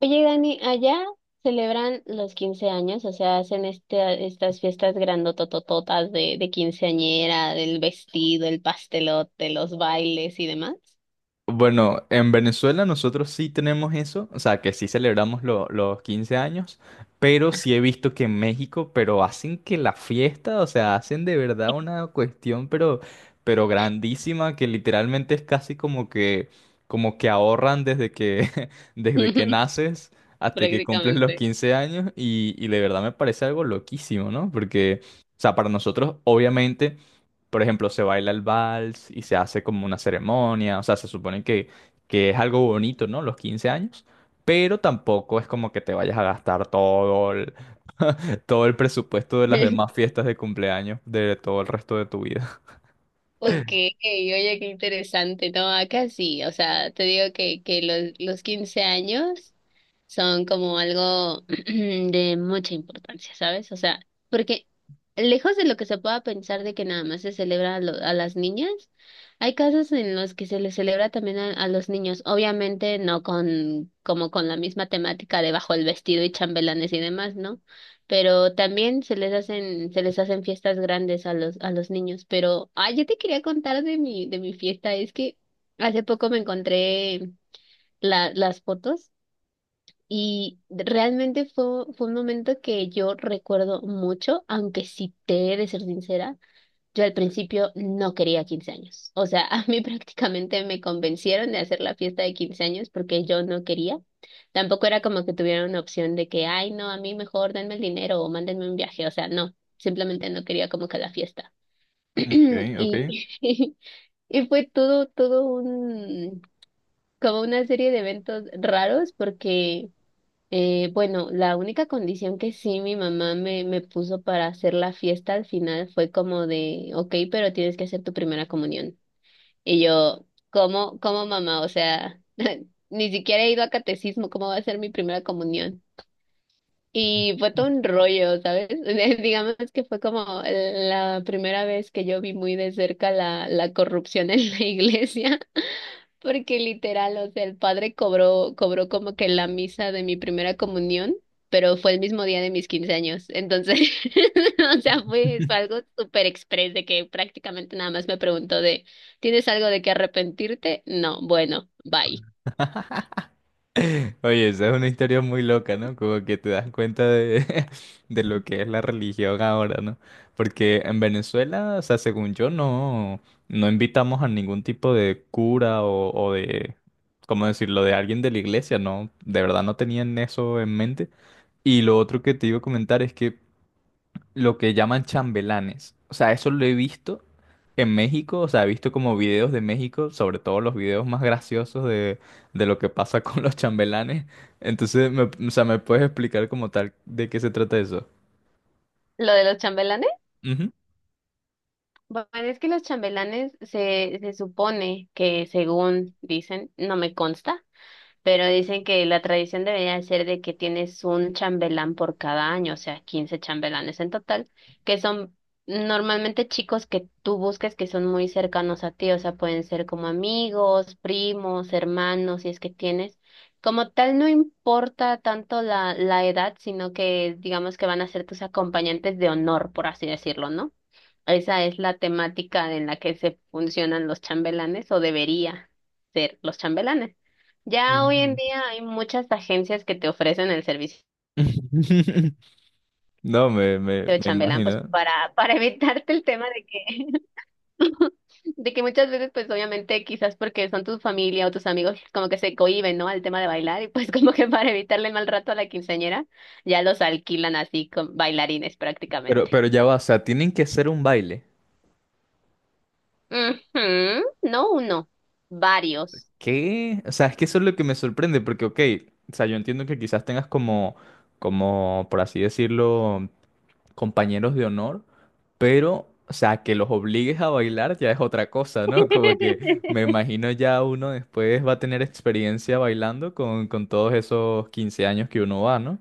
Oye, Dani, allá celebran los 15 años. O sea, hacen estas fiestas grandototototas de quinceañera, del vestido, el pastelote, los bailes y demás. Bueno, en Venezuela nosotros sí tenemos eso, o sea, que sí celebramos los 15 años, pero sí he visto que en México, pero hacen que la fiesta, o sea, hacen de verdad una cuestión, pero grandísima, que literalmente es casi como que ahorran desde que, desde que naces hasta que cumples los Prácticamente. 15 años, y de verdad me parece algo loquísimo, ¿no? Porque, o sea, para nosotros, obviamente. Por ejemplo, se baila el vals y se hace como una ceremonia, o sea, se supone que es algo bonito, ¿no? Los 15 años, pero tampoco es como que te vayas a gastar todo el, todo el presupuesto de las demás fiestas de cumpleaños de todo el resto de tu vida. Ok, oye, qué interesante. No, acá sí, o sea, te digo que los 15 años son como algo de mucha importancia, ¿sabes? O sea, porque lejos de lo que se pueda pensar de que nada más se celebra a las niñas, hay casos en los que se les celebra también a los niños, obviamente no con como con la misma temática de bajo el vestido y chambelanes y demás, ¿no? Pero también se les hacen fiestas grandes a los niños. Pero, ah, yo te quería contar de mi fiesta. Es que hace poco me encontré las fotos y realmente fue un momento que yo recuerdo mucho, aunque sí te he de ser sincera. Yo al principio no quería 15 años. O sea, a mí prácticamente me convencieron de hacer la fiesta de 15 años porque yo no quería. Tampoco era como que tuviera una opción de que, ay, no, a mí mejor denme el dinero o mándenme un viaje. O sea, no, simplemente no quería como que la fiesta. Ok, ok. Y, y fue todo un, como una serie de eventos raros porque bueno, la única condición que sí mi mamá me puso para hacer la fiesta al final fue como de, ok, pero tienes que hacer tu primera comunión. Y yo, cómo, mamá? O sea, ni siquiera he ido a catecismo, ¿cómo va a ser mi primera comunión? Y fue todo un rollo, ¿sabes? Digamos que fue como la primera vez que yo vi muy de cerca la corrupción en la iglesia. Porque literal, o sea, el padre cobró como que la misa de mi primera comunión, pero fue el mismo día de mis 15 años. Entonces, o sea, fue algo súper express de que prácticamente nada más me preguntó de, ¿tienes algo de qué arrepentirte? No, bueno, bye. Oye, esa es una historia muy loca, ¿no? Como que te das cuenta de, de lo que es la religión ahora, ¿no? Porque en Venezuela, o sea, según yo, no, no invitamos a ningún tipo de cura o de, ¿cómo decirlo?, de alguien de la iglesia, ¿no? De verdad no tenían eso en mente. Y lo otro que te iba a comentar es que lo que llaman chambelanes. O sea, eso lo he visto en México, o sea, he visto como videos de México, sobre todo los videos más graciosos de lo que pasa con los chambelanes. Entonces, o sea, ¿me puedes explicar como tal de qué se trata eso? Lo de los chambelanes, Ujú. bueno, es que los chambelanes se supone que, según dicen, no me consta, pero dicen que la tradición debería ser de que tienes un chambelán por cada año, o sea, 15 chambelanes en total, que son normalmente chicos que tú busques que son muy cercanos a ti. O sea, pueden ser como amigos, primos, hermanos, si es que tienes. Como tal, no importa tanto la edad, sino que digamos que van a ser tus acompañantes de honor, por así decirlo, ¿no? Esa es la temática en la que se funcionan los chambelanes o debería ser los chambelanes. Ya hoy en Ujú. día hay muchas agencias que te ofrecen el servicio No, me, me, de me chambelán, pues imagino. Para evitarte el tema de que, de que muchas veces, pues obviamente quizás porque son tu familia o tus amigos como que se cohíben, ¿no? Al tema de bailar y pues como que para evitarle el mal rato a la quinceañera, ya los alquilan así con bailarines Pero, prácticamente. pero ya va, o sea, tienen que hacer un baile. Ujú. No uno, varios. ¿Qué? O sea, es que eso es lo que me sorprende, porque, ok, o sea, yo entiendo que quizás tengas como, por así decirlo, compañeros de honor, pero, o sea, que los obligues a bailar ya es otra cosa, ¿no? Como que me imagino ya uno después va a tener experiencia bailando con todos esos 15 años que uno va, ¿no?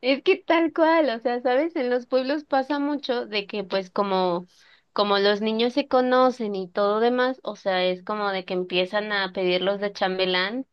Es que tal cual, o sea, ¿sabes? En los pueblos pasa mucho de que pues como los niños se conocen y todo demás. O sea, es como de que empiezan a pedirlos de chambelán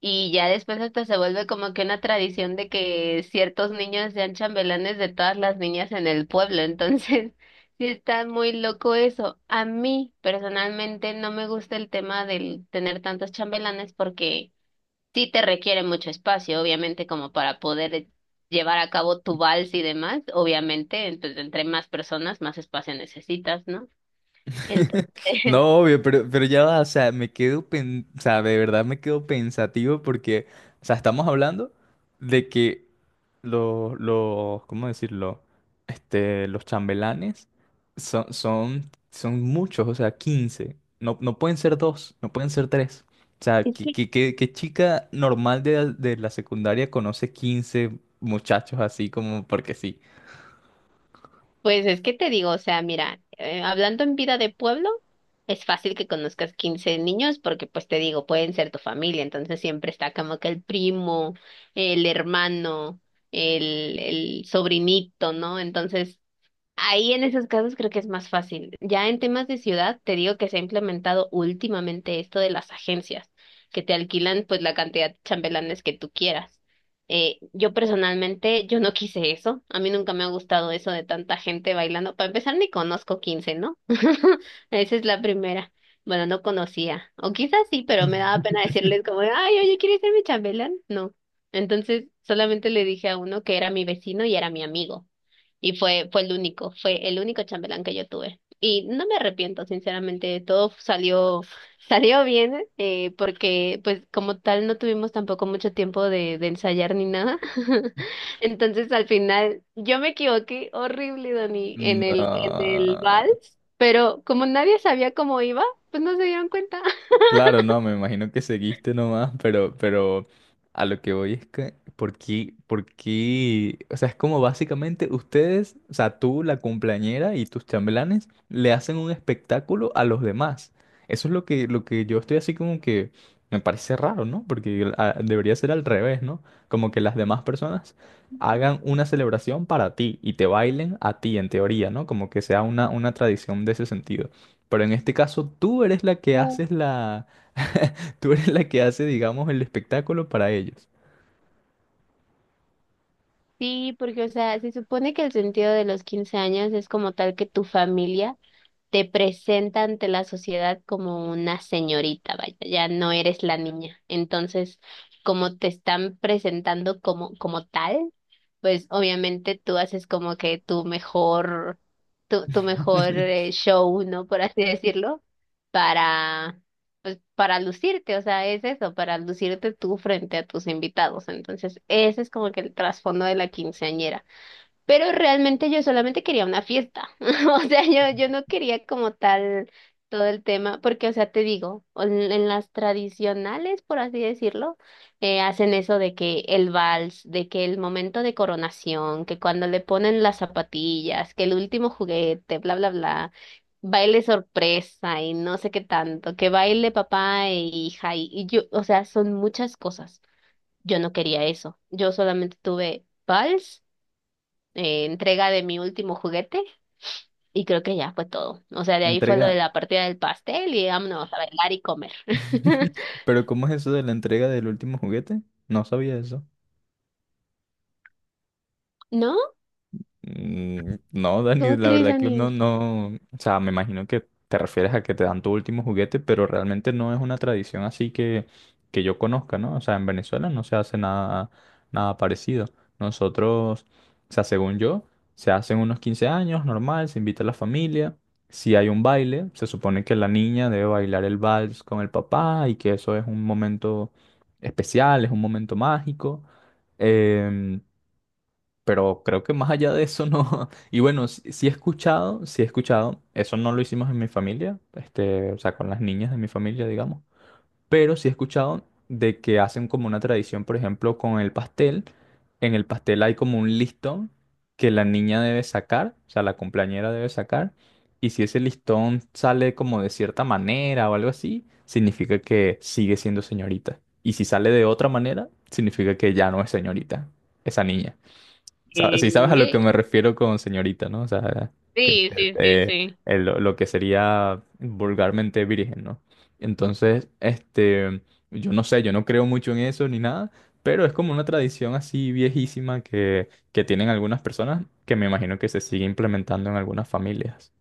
y ya después hasta se vuelve como que una tradición de que ciertos niños sean chambelanes de todas las niñas en el pueblo. Entonces, sí está muy loco eso. A mí personalmente no me gusta el tema del tener tantos chambelanes porque sí te requiere mucho espacio, obviamente, como para poder llevar a cabo tu vals y demás, obviamente. Entonces, entre más personas, más espacio necesitas, ¿no? Entonces, No, obvio, pero ya va, o sea, me quedo, o sea, de verdad me quedo pensativo porque, o sea, estamos hablando de que los, ¿cómo decirlo? Este, los chambelanes son muchos, o sea, 15, no, no pueden ser dos, no pueden ser tres. O sea, es ¿qué, que, qué- qué- qué chica normal de la secundaria conoce 15 muchachos así como porque sí? pues es que te digo, o sea, mira, hablando en vida de pueblo, es fácil que conozcas 15 niños porque, pues te digo, pueden ser tu familia, entonces siempre está como que el primo, el hermano, el sobrinito, ¿no? Entonces, ahí en esos casos creo que es más fácil. Ya en temas de ciudad, te digo que se ha implementado últimamente esto de las agencias que te alquilan pues la cantidad de chambelanes que tú quieras. Yo personalmente, yo no quise eso. A mí nunca me ha gustado eso de tanta gente bailando. Para empezar, ni conozco 15, ¿no? Esa es la primera. Bueno, no conocía. O quizás sí, pero me daba pena decirles como, ay, oye, ¿quieres ser mi chambelán? No. Entonces, solamente le dije a uno que era mi vecino y era mi amigo. Y fue el único chambelán que yo tuve. Y no me arrepiento, sinceramente, todo salió, salió bien, porque pues como tal no tuvimos tampoco mucho tiempo de ensayar ni nada. Entonces al final yo me equivoqué horrible, Dani, en en el vals, No. pero como nadie sabía cómo iba, pues no se dieron cuenta. Claro, no, me imagino que seguiste nomás, pero a lo que voy es que, ¿por qué, por qué? O sea, es como básicamente ustedes, o sea, tú, la cumpleañera y tus chambelanes, le hacen un espectáculo a los demás. Eso es lo que yo estoy así como que me parece raro, ¿no? Porque debería ser al revés, ¿no? Como que las demás personas hagan una celebración para ti y te bailen a ti, en teoría, ¿no? Como que sea una tradición de ese sentido. Pero en este caso tú eres la que Uh, haces la… Tú eres la que hace, digamos, el espectáculo para ellos. sí, porque, o sea, se supone que el sentido de los 15 años es como tal que tu familia te presenta ante la sociedad como una señorita, vaya, ya no eres la niña. Entonces, como te están presentando como tal, pues obviamente tú haces como que tu mejor show, ¿no? Por así decirlo, para, pues, para lucirte, o sea, es eso, para lucirte tú frente a tus invitados. Entonces, ese es como que el trasfondo de la quinceañera. Pero realmente yo solamente quería una fiesta. O sea, yo no quería como tal todo el tema, porque, o sea, te digo, en las tradicionales, por así decirlo, hacen eso de que el vals, de que el momento de coronación, que cuando le ponen las zapatillas, que el último juguete, bla, bla, bla, baile sorpresa y no sé qué tanto, que baile papá e hija y yo, o sea, son muchas cosas. Yo no quería eso. Yo solamente tuve vals, entrega de mi último juguete, y creo que ya fue todo. O sea, de La ahí fue lo de entrega. la partida del pastel y vámonos a bailar y comer. Pero ¿cómo es eso de la entrega del último juguete? No sabía eso. ¿No? Mm, no, Dani, ¿Cómo la crees, verdad que Dani? no, no, o sea, me imagino que te refieres a que te dan tu último juguete, pero realmente no es una tradición así que yo conozca, ¿no? O sea, en Venezuela no se hace nada, nada parecido. Nosotros, o sea, según yo, se hacen unos 15 años, normal, se invita a la familia, si hay un baile, se supone que la niña debe bailar el vals con el papá y que eso es un momento especial, es un momento mágico. em, pero creo que más allá de eso no. Y bueno, sí, sí he escuchado, sí he escuchado. Eso no lo hicimos en mi familia, este, o sea, con las niñas de mi familia, digamos. Pero sí he escuchado de que hacen como una tradición, por ejemplo, con el pastel. En el pastel hay como un listón que la niña debe sacar, o sea, la cumpleañera debe sacar. Y si ese listón sale como de cierta manera o algo así, significa que sigue siendo señorita. Y si sale de otra manera, significa que ya no es señorita, esa niña. Sí, sabes a lo que Eh, me refiero con señorita, ¿no? O sea, que, Sí, sí, sí, eh, sí. Lo que sería vulgarmente virgen, ¿no? Entonces, este, yo no sé, yo no creo mucho en eso ni nada, pero es como una tradición así viejísima que tienen algunas personas que me imagino que se sigue implementando en algunas familias.